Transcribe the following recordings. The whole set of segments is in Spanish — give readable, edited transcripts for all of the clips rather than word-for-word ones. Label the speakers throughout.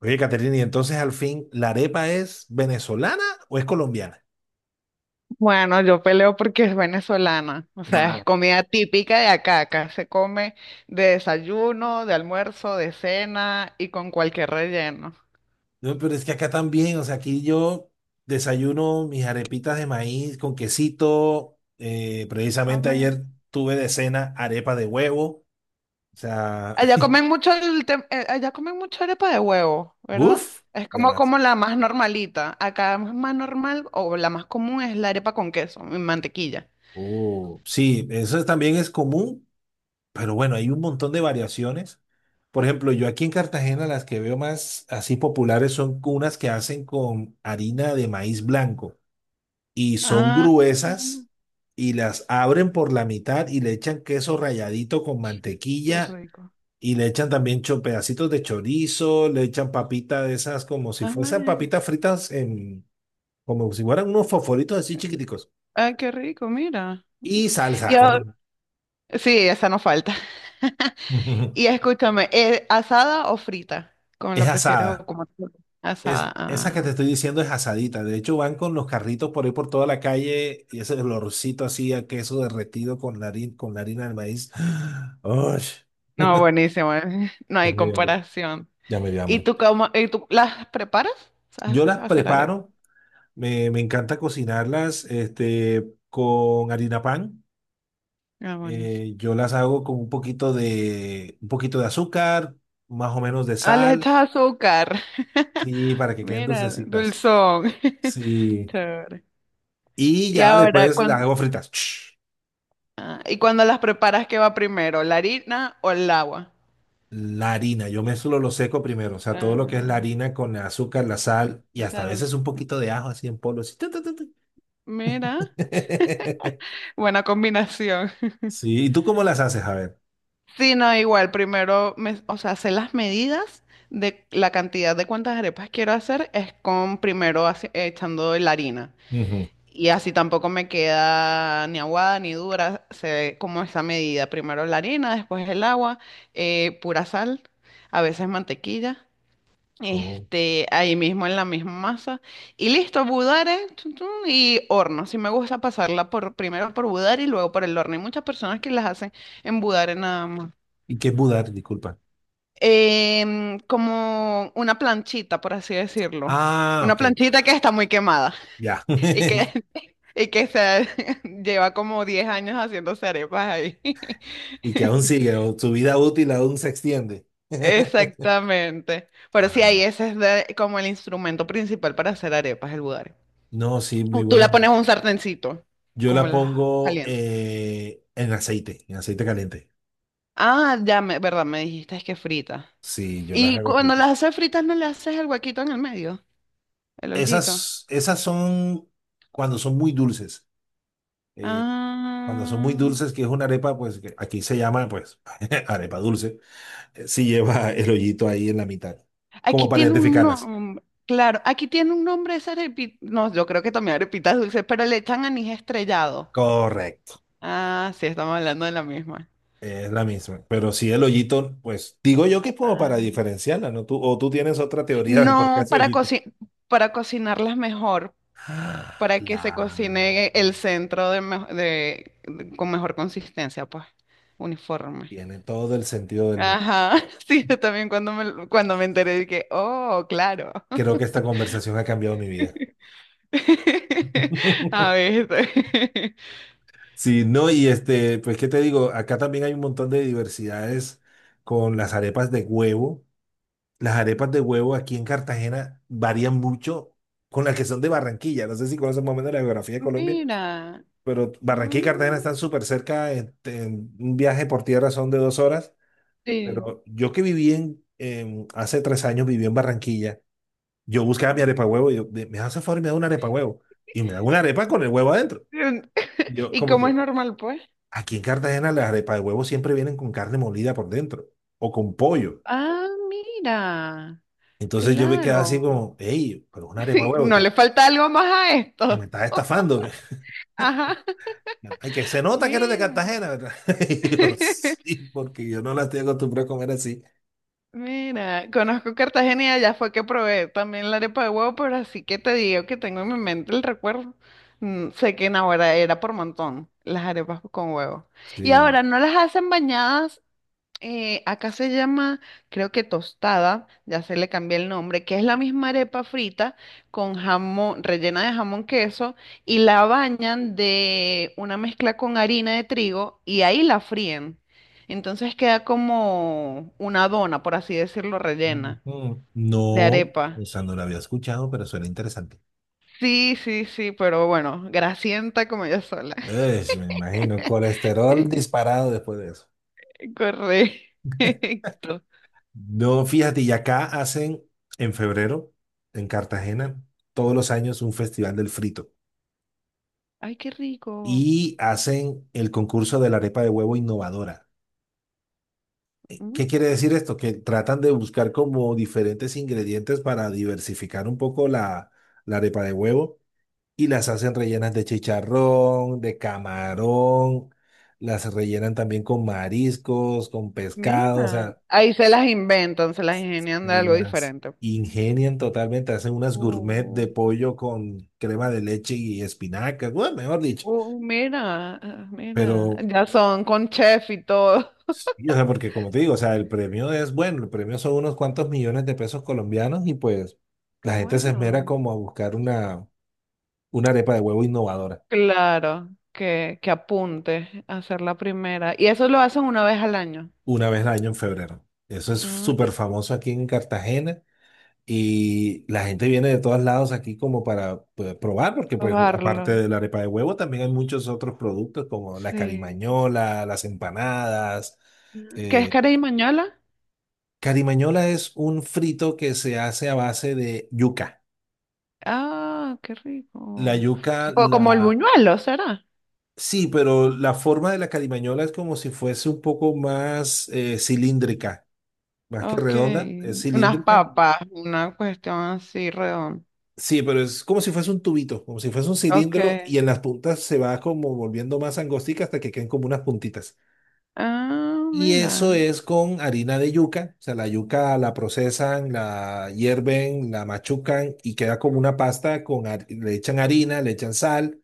Speaker 1: Oye, Caterina, y entonces al fin, ¿la arepa es venezolana o es colombiana?
Speaker 2: Bueno, yo peleo porque es venezolana, o sea,
Speaker 1: Ah.
Speaker 2: es comida típica de acá, acá se come de desayuno, de almuerzo, de cena y con cualquier relleno.
Speaker 1: No, pero es que acá también, o sea, aquí yo desayuno mis arepitas de maíz con quesito. Precisamente
Speaker 2: Amén.
Speaker 1: ayer tuve de cena arepa de huevo. O sea,
Speaker 2: Allá comen mucho allá comen mucho arepa de huevo, ¿verdad?
Speaker 1: uff,
Speaker 2: Es como
Speaker 1: demás.
Speaker 2: como la más normalita. Acá es más normal o la más común es la arepa con queso y mantequilla.
Speaker 1: Oh sí, eso también es común, pero bueno, hay un montón de variaciones. Por ejemplo, yo aquí en Cartagena las que veo más así populares son unas que hacen con harina de maíz blanco, y son
Speaker 2: Ah,
Speaker 1: gruesas
Speaker 2: amén.
Speaker 1: y las abren por la mitad y le echan queso ralladito con
Speaker 2: Qué
Speaker 1: mantequilla
Speaker 2: rico.
Speaker 1: y le echan también pedacitos de chorizo, le echan papita de esas como si fuesen
Speaker 2: Amén.
Speaker 1: papitas fritas en, como si fueran unos fosforitos así chiquiticos
Speaker 2: Ah, qué rico, mira.
Speaker 1: y
Speaker 2: Y
Speaker 1: salsa.
Speaker 2: ahora- sí, esa no falta. Y escúchame, ¿asada o frita? ¿Cómo
Speaker 1: Es
Speaker 2: la prefieres o
Speaker 1: asada.
Speaker 2: cómo te gusta?
Speaker 1: Es,
Speaker 2: Asada.
Speaker 1: esa que te
Speaker 2: Ah.
Speaker 1: estoy diciendo es asadita. De hecho, van con los carritos por ahí por toda la calle y ese olorcito así a queso derretido con la harina del maíz. ¡Ush!
Speaker 2: No, buenísimo. No
Speaker 1: Es
Speaker 2: hay
Speaker 1: medio.
Speaker 2: comparación.
Speaker 1: Ya me dio hambre.
Speaker 2: ¿Y tú las preparas? ¿Sabes
Speaker 1: Yo las
Speaker 2: hacer arepa?
Speaker 1: preparo, me encanta cocinarlas este, con harina pan.
Speaker 2: Ah, buenísimo.
Speaker 1: Yo las hago con un poquito de azúcar, más o menos de
Speaker 2: Ah, les
Speaker 1: sal,
Speaker 2: echas azúcar.
Speaker 1: sí, para que queden
Speaker 2: Mira,
Speaker 1: dulcecitas.
Speaker 2: dulzón.
Speaker 1: Sí.
Speaker 2: Chévere.
Speaker 1: Y
Speaker 2: Y
Speaker 1: ya
Speaker 2: ahora,
Speaker 1: después las
Speaker 2: cuando,
Speaker 1: hago fritas. Ch,
Speaker 2: ¿Y cuando las preparas, qué va primero? ¿La harina o el agua?
Speaker 1: la harina, yo mezclo lo seco primero, o sea, todo lo que es la
Speaker 2: Ah,
Speaker 1: harina con el azúcar, la sal y
Speaker 2: o
Speaker 1: hasta a
Speaker 2: sea,
Speaker 1: veces un poquito de ajo así en polvo. Así, tu, tu, tu, tu.
Speaker 2: mira, buena combinación.
Speaker 1: Sí, ¿y tú cómo las haces? A ver.
Speaker 2: Sí, no, igual, primero, o sea, sé las medidas de la cantidad de cuántas arepas quiero hacer, es con primero echando la harina.
Speaker 1: Ujú.
Speaker 2: Y así tampoco me queda ni aguada ni dura, sé como esa medida. Primero la harina, después el agua, pura sal, a veces mantequilla,
Speaker 1: Oh.
Speaker 2: este, ahí mismo en la misma masa. Y listo, budare, tun, tun, y horno. Sí me gusta pasarla por, primero por budare y luego por el horno. Hay muchas personas que las hacen en budare nada más.
Speaker 1: ¿Y qué es mudar? Disculpa.
Speaker 2: Como una planchita, por así decirlo.
Speaker 1: Ah,
Speaker 2: Una
Speaker 1: ok,
Speaker 2: planchita que está muy quemada
Speaker 1: ya.
Speaker 2: y que, y que se lleva como 10 años haciéndose arepas ahí.
Speaker 1: Y que aún sigue, o su vida útil aún se extiende.
Speaker 2: Exactamente. Pero sí,
Speaker 1: Ah,
Speaker 2: ahí como el instrumento principal para hacer arepas, el budare.
Speaker 1: no, sí,
Speaker 2: O
Speaker 1: muy
Speaker 2: tú le pones
Speaker 1: buena.
Speaker 2: un sartencito,
Speaker 1: Yo
Speaker 2: como
Speaker 1: la
Speaker 2: las
Speaker 1: pongo
Speaker 2: calientes.
Speaker 1: en aceite caliente.
Speaker 2: Ah, ya, me, verdad, me dijiste es que frita.
Speaker 1: Sí, yo las
Speaker 2: Y
Speaker 1: hago
Speaker 2: cuando
Speaker 1: juntas.
Speaker 2: las haces fritas, ¿no le haces el huequito en el medio? El hoyito.
Speaker 1: Esas, esas son cuando son muy dulces. Eh, Cuando son muy
Speaker 2: Ah.
Speaker 1: dulces, que es una arepa, pues que aquí se llama, pues, arepa dulce. Si lleva el hoyito ahí en la mitad,
Speaker 2: Aquí
Speaker 1: como para
Speaker 2: tiene un
Speaker 1: identificarlas.
Speaker 2: nombre, claro, aquí tiene un nombre esa arepita, no, yo creo que también arepitas dulces, pero le echan anís estrellado.
Speaker 1: Correcto.
Speaker 2: Ah, sí, estamos hablando de la misma.
Speaker 1: Es la misma. Pero sí, el hoyito, pues digo yo que es como para
Speaker 2: Ah,
Speaker 1: diferenciarla, ¿no? Tú, o tú tienes otra teoría del por qué
Speaker 2: no,
Speaker 1: hace hoyito.
Speaker 2: para cocinarlas mejor,
Speaker 1: Ah,
Speaker 2: para que se
Speaker 1: la...
Speaker 2: cocine el centro de con mejor consistencia, pues, uniforme.
Speaker 1: Tiene todo el sentido del mundo.
Speaker 2: Ajá, sí, yo también cuando me enteré dije, oh, claro.
Speaker 1: Creo que esta conversación ha cambiado mi vida.
Speaker 2: A ver,
Speaker 1: Sí, no, y este, pues qué te digo, acá también hay un montón de diversidades con las arepas de huevo. Las arepas de huevo aquí en Cartagena varían mucho con las que son de Barranquilla. No sé si conoces más o menos la geografía de Colombia,
Speaker 2: mira.
Speaker 1: pero Barranquilla y Cartagena
Speaker 2: Mm.
Speaker 1: están súper cerca, este, en un viaje por tierra son de 2 horas,
Speaker 2: Sí.
Speaker 1: pero yo que viví en, hace 3 años viví en Barranquilla, yo buscaba mi arepa huevo, y yo, me hace favor y me da una arepa huevo, y me da una arepa con el huevo adentro. Y yo
Speaker 2: ¿Y
Speaker 1: como
Speaker 2: cómo es
Speaker 1: que,
Speaker 2: normal, pues?
Speaker 1: aquí en Cartagena las arepas de huevo siempre vienen con carne molida por dentro, o con pollo.
Speaker 2: Ah, mira,
Speaker 1: Entonces yo me quedé así
Speaker 2: claro.
Speaker 1: como, hey, pero una arepa de huevo,
Speaker 2: ¿No
Speaker 1: que
Speaker 2: le falta algo más a
Speaker 1: yo me
Speaker 2: esto?
Speaker 1: estaba estafando, que,
Speaker 2: Ajá.
Speaker 1: ay, que se nota que eres de
Speaker 2: Mira,
Speaker 1: Cartagena, ¿verdad? Y yo, sí, porque yo no la estoy acostumbrado a comer así.
Speaker 2: mira, conozco Cartagena y allá fue que probé también la arepa de huevo, pero así que te digo que tengo en mi mente el recuerdo. Mm, sé que en ahora era por montón las arepas con huevo. Y
Speaker 1: Sí.
Speaker 2: ahora no las hacen bañadas. Acá se llama, creo que tostada, ya se le cambió el nombre, que es la misma arepa frita con jamón, rellena de jamón queso y la bañan de una mezcla con harina de trigo y ahí la fríen. Entonces queda como una dona, por así decirlo, rellena
Speaker 1: Ujú.
Speaker 2: de
Speaker 1: No,
Speaker 2: arepa.
Speaker 1: o sea, no lo había escuchado, pero suena interesante.
Speaker 2: Sí, pero bueno, grasienta como yo sola.
Speaker 1: Es, me imagino, colesterol disparado después de eso.
Speaker 2: Correcto.
Speaker 1: No, fíjate, y acá hacen en febrero, en Cartagena, todos los años un festival del frito.
Speaker 2: Ay, qué rico.
Speaker 1: Y hacen el concurso de la arepa de huevo innovadora.
Speaker 2: Mm.
Speaker 1: ¿Qué quiere decir esto? Que tratan de buscar como diferentes ingredientes para diversificar un poco la, la arepa de huevo. Y las hacen rellenas de chicharrón, de camarón, las rellenan también con mariscos, con pescado, o
Speaker 2: Mira,
Speaker 1: sea,
Speaker 2: ahí se las inventan, se las ingenian de algo
Speaker 1: las
Speaker 2: diferente.
Speaker 1: ingenian totalmente, hacen unas gourmet de
Speaker 2: Oh,
Speaker 1: pollo con crema de leche y espinacas, bueno, mejor dicho,
Speaker 2: oh, mira, ah, mira,
Speaker 1: pero
Speaker 2: ya son con chef y todo.
Speaker 1: sí, o sea, porque como te digo, o sea, el premio es bueno, el premio son unos cuantos millones de pesos colombianos y pues la
Speaker 2: Qué
Speaker 1: gente se esmera
Speaker 2: bueno.
Speaker 1: como a buscar una arepa de huevo innovadora
Speaker 2: Claro, que apunte a hacer la primera. Y eso lo hacen una vez al año.
Speaker 1: una vez al año en febrero. Eso es
Speaker 2: Ah,
Speaker 1: súper
Speaker 2: y
Speaker 1: famoso aquí en Cartagena. Y la gente viene de todos lados aquí como para pues, probar, porque pues aparte
Speaker 2: probarlo.
Speaker 1: de la arepa de huevo también hay muchos otros productos como la
Speaker 2: Sí.
Speaker 1: carimañola, las empanadas.
Speaker 2: Ah, ¿qué es
Speaker 1: Eh,
Speaker 2: carey mañola?
Speaker 1: Carimañola es un frito que se hace a base de yuca.
Speaker 2: Ah, qué
Speaker 1: La
Speaker 2: rico.
Speaker 1: yuca,
Speaker 2: Tipo
Speaker 1: la...
Speaker 2: como el buñuelo, ¿será?
Speaker 1: Sí, pero la forma de la carimañola es como si fuese un poco más cilíndrica, más que
Speaker 2: Ok.
Speaker 1: redonda, es
Speaker 2: Unas
Speaker 1: cilíndrica.
Speaker 2: papas, una cuestión así redonda.
Speaker 1: Sí, pero es como si fuese un tubito, como si fuese un
Speaker 2: Ok.
Speaker 1: cilindro y en las puntas se va como volviendo más angostica hasta que queden como unas puntitas.
Speaker 2: Ah,
Speaker 1: Y eso
Speaker 2: mira.
Speaker 1: es con harina de yuca, o sea, la yuca la procesan, la hierven, la machucan y queda como una pasta con, le echan harina, le echan sal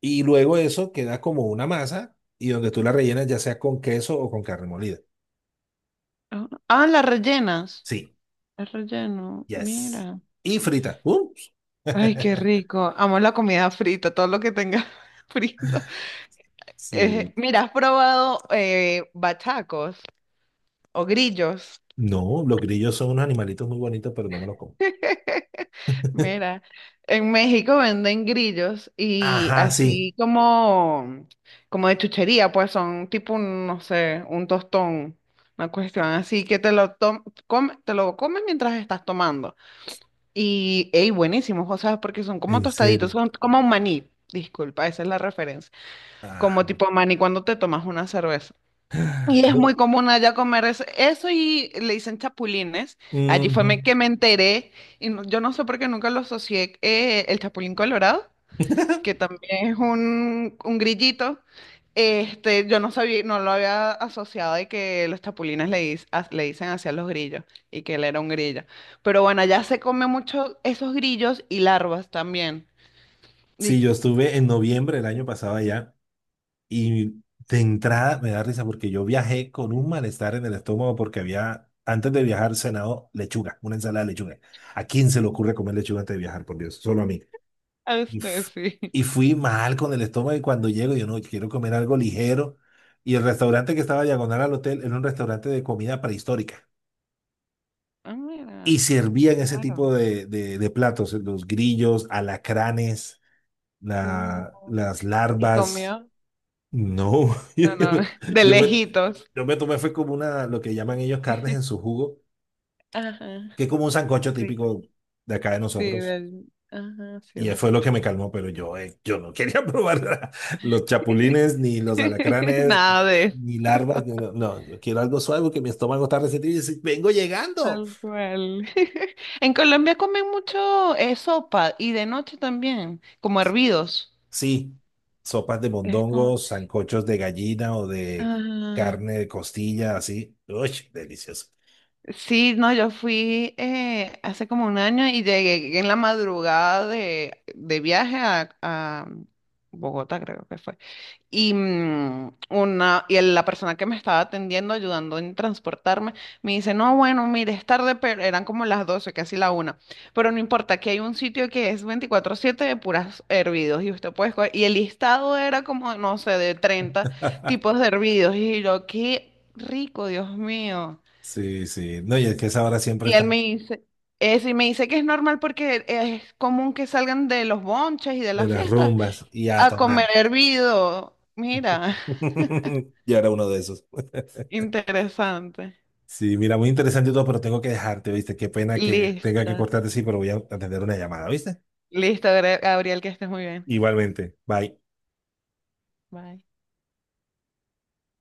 Speaker 1: y luego eso queda como una masa y donde tú la rellenas ya sea con queso o con carne molida.
Speaker 2: Ah, ah, las rellenas.
Speaker 1: Sí,
Speaker 2: El relleno,
Speaker 1: yes.
Speaker 2: mira.
Speaker 1: Y frita. ¡Uh!
Speaker 2: Ay, qué rico. Amo la comida frita, todo lo que tenga frito.
Speaker 1: Sí.
Speaker 2: Mira, ¿has probado bachacos o grillos?
Speaker 1: No, los grillos son unos animalitos muy bonitos, pero no me los como.
Speaker 2: Mira, en México venden grillos y
Speaker 1: Ajá, sí,
Speaker 2: así como, como de chuchería, pues son tipo un, no sé, un tostón, una cuestión así que te lo comes mientras estás tomando. Y, ey, buenísimos, o sea, porque son como
Speaker 1: en
Speaker 2: tostaditos,
Speaker 1: serio.
Speaker 2: son como un maní, disculpa, esa es la referencia,
Speaker 1: Ajá.
Speaker 2: como tipo maní cuando te tomas una cerveza. Y es muy
Speaker 1: No,
Speaker 2: común allá comer eso, eso y le dicen chapulines,
Speaker 1: ujú.
Speaker 2: que me enteré, y yo no sé por qué nunca lo asocié, el chapulín colorado, que también es un grillito. Este, yo no sabía, no lo había asociado de que los chapulines le dicen hacia los grillos y que él era un grillo. Pero bueno, allá se come mucho esos grillos y larvas también.
Speaker 1: Sí,
Speaker 2: Y
Speaker 1: yo estuve en noviembre del año pasado allá y de entrada me da risa porque yo viajé con un malestar en el estómago porque había, antes de viajar, cenado lechuga, una ensalada de lechuga. ¿A quién se le ocurre comer lechuga antes de viajar, por Dios? Solo a mí.
Speaker 2: a
Speaker 1: Y,
Speaker 2: usted sí.
Speaker 1: y fui mal con el estómago y cuando llego yo no, quiero comer algo ligero. Y el restaurante que estaba diagonal al hotel era un restaurante de comida prehistórica,
Speaker 2: Ah,
Speaker 1: y
Speaker 2: mira,
Speaker 1: servían
Speaker 2: qué
Speaker 1: ese
Speaker 2: raro.
Speaker 1: tipo de, de platos, los grillos, alacranes, las
Speaker 2: Sí. Y
Speaker 1: larvas.
Speaker 2: comió,
Speaker 1: No,
Speaker 2: no, no, de
Speaker 1: yo me, yo me
Speaker 2: lejitos.
Speaker 1: yo me tomé, fue como una, lo que llaman ellos carnes en su jugo,
Speaker 2: Ajá,
Speaker 1: que es como un sancocho
Speaker 2: rico.
Speaker 1: típico de acá de
Speaker 2: Sí,
Speaker 1: nosotros.
Speaker 2: del, ajá, sí
Speaker 1: Y
Speaker 2: la he
Speaker 1: fue lo que me
Speaker 2: escuchado.
Speaker 1: calmó, pero yo, yo no quería probar los chapulines, ni los alacranes,
Speaker 2: Nada de
Speaker 1: ni larvas. No, no, yo quiero algo suave porque mi estómago está resentido y dice, vengo llegando.
Speaker 2: tal cual. En Colombia comen mucho sopa y de noche también, como hervidos.
Speaker 1: Sí, sopas de
Speaker 2: Es como...
Speaker 1: mondongos, sancochos de gallina o de
Speaker 2: Ajá.
Speaker 1: carne de costilla, así. Uy, delicioso.
Speaker 2: Sí, no, yo fui hace como un año y llegué en la madrugada de viaje a Bogotá, creo que fue. Y, mm, una, y la persona que me estaba atendiendo, ayudando en transportarme, me dice, no, bueno, mire, es tarde, pero eran como las 12 casi la 1. Pero no importa, aquí hay un sitio que es 24/7 de puras hervidos y usted puede escoger. Y el listado era como, no sé, de 30 tipos de hervidos. Y yo, qué rico, Dios mío.
Speaker 1: Sí, sí. No, y es que esa hora siempre
Speaker 2: Y él me
Speaker 1: están
Speaker 2: dice, eso y me dice que es normal porque es común que salgan de los bonches y de
Speaker 1: de
Speaker 2: las
Speaker 1: las
Speaker 2: fiestas
Speaker 1: rumbas y a
Speaker 2: a
Speaker 1: tomar.
Speaker 2: comer hervido. Mira,
Speaker 1: Y era uno de esos.
Speaker 2: interesante.
Speaker 1: Sí, mira, muy interesante y todo, pero tengo que dejarte, ¿viste? Qué pena que tenga que
Speaker 2: Lista.
Speaker 1: cortarte, sí, pero voy a atender una llamada, ¿viste?
Speaker 2: Listo, Gabriel, que estés muy bien.
Speaker 1: Igualmente. Bye.
Speaker 2: Bye.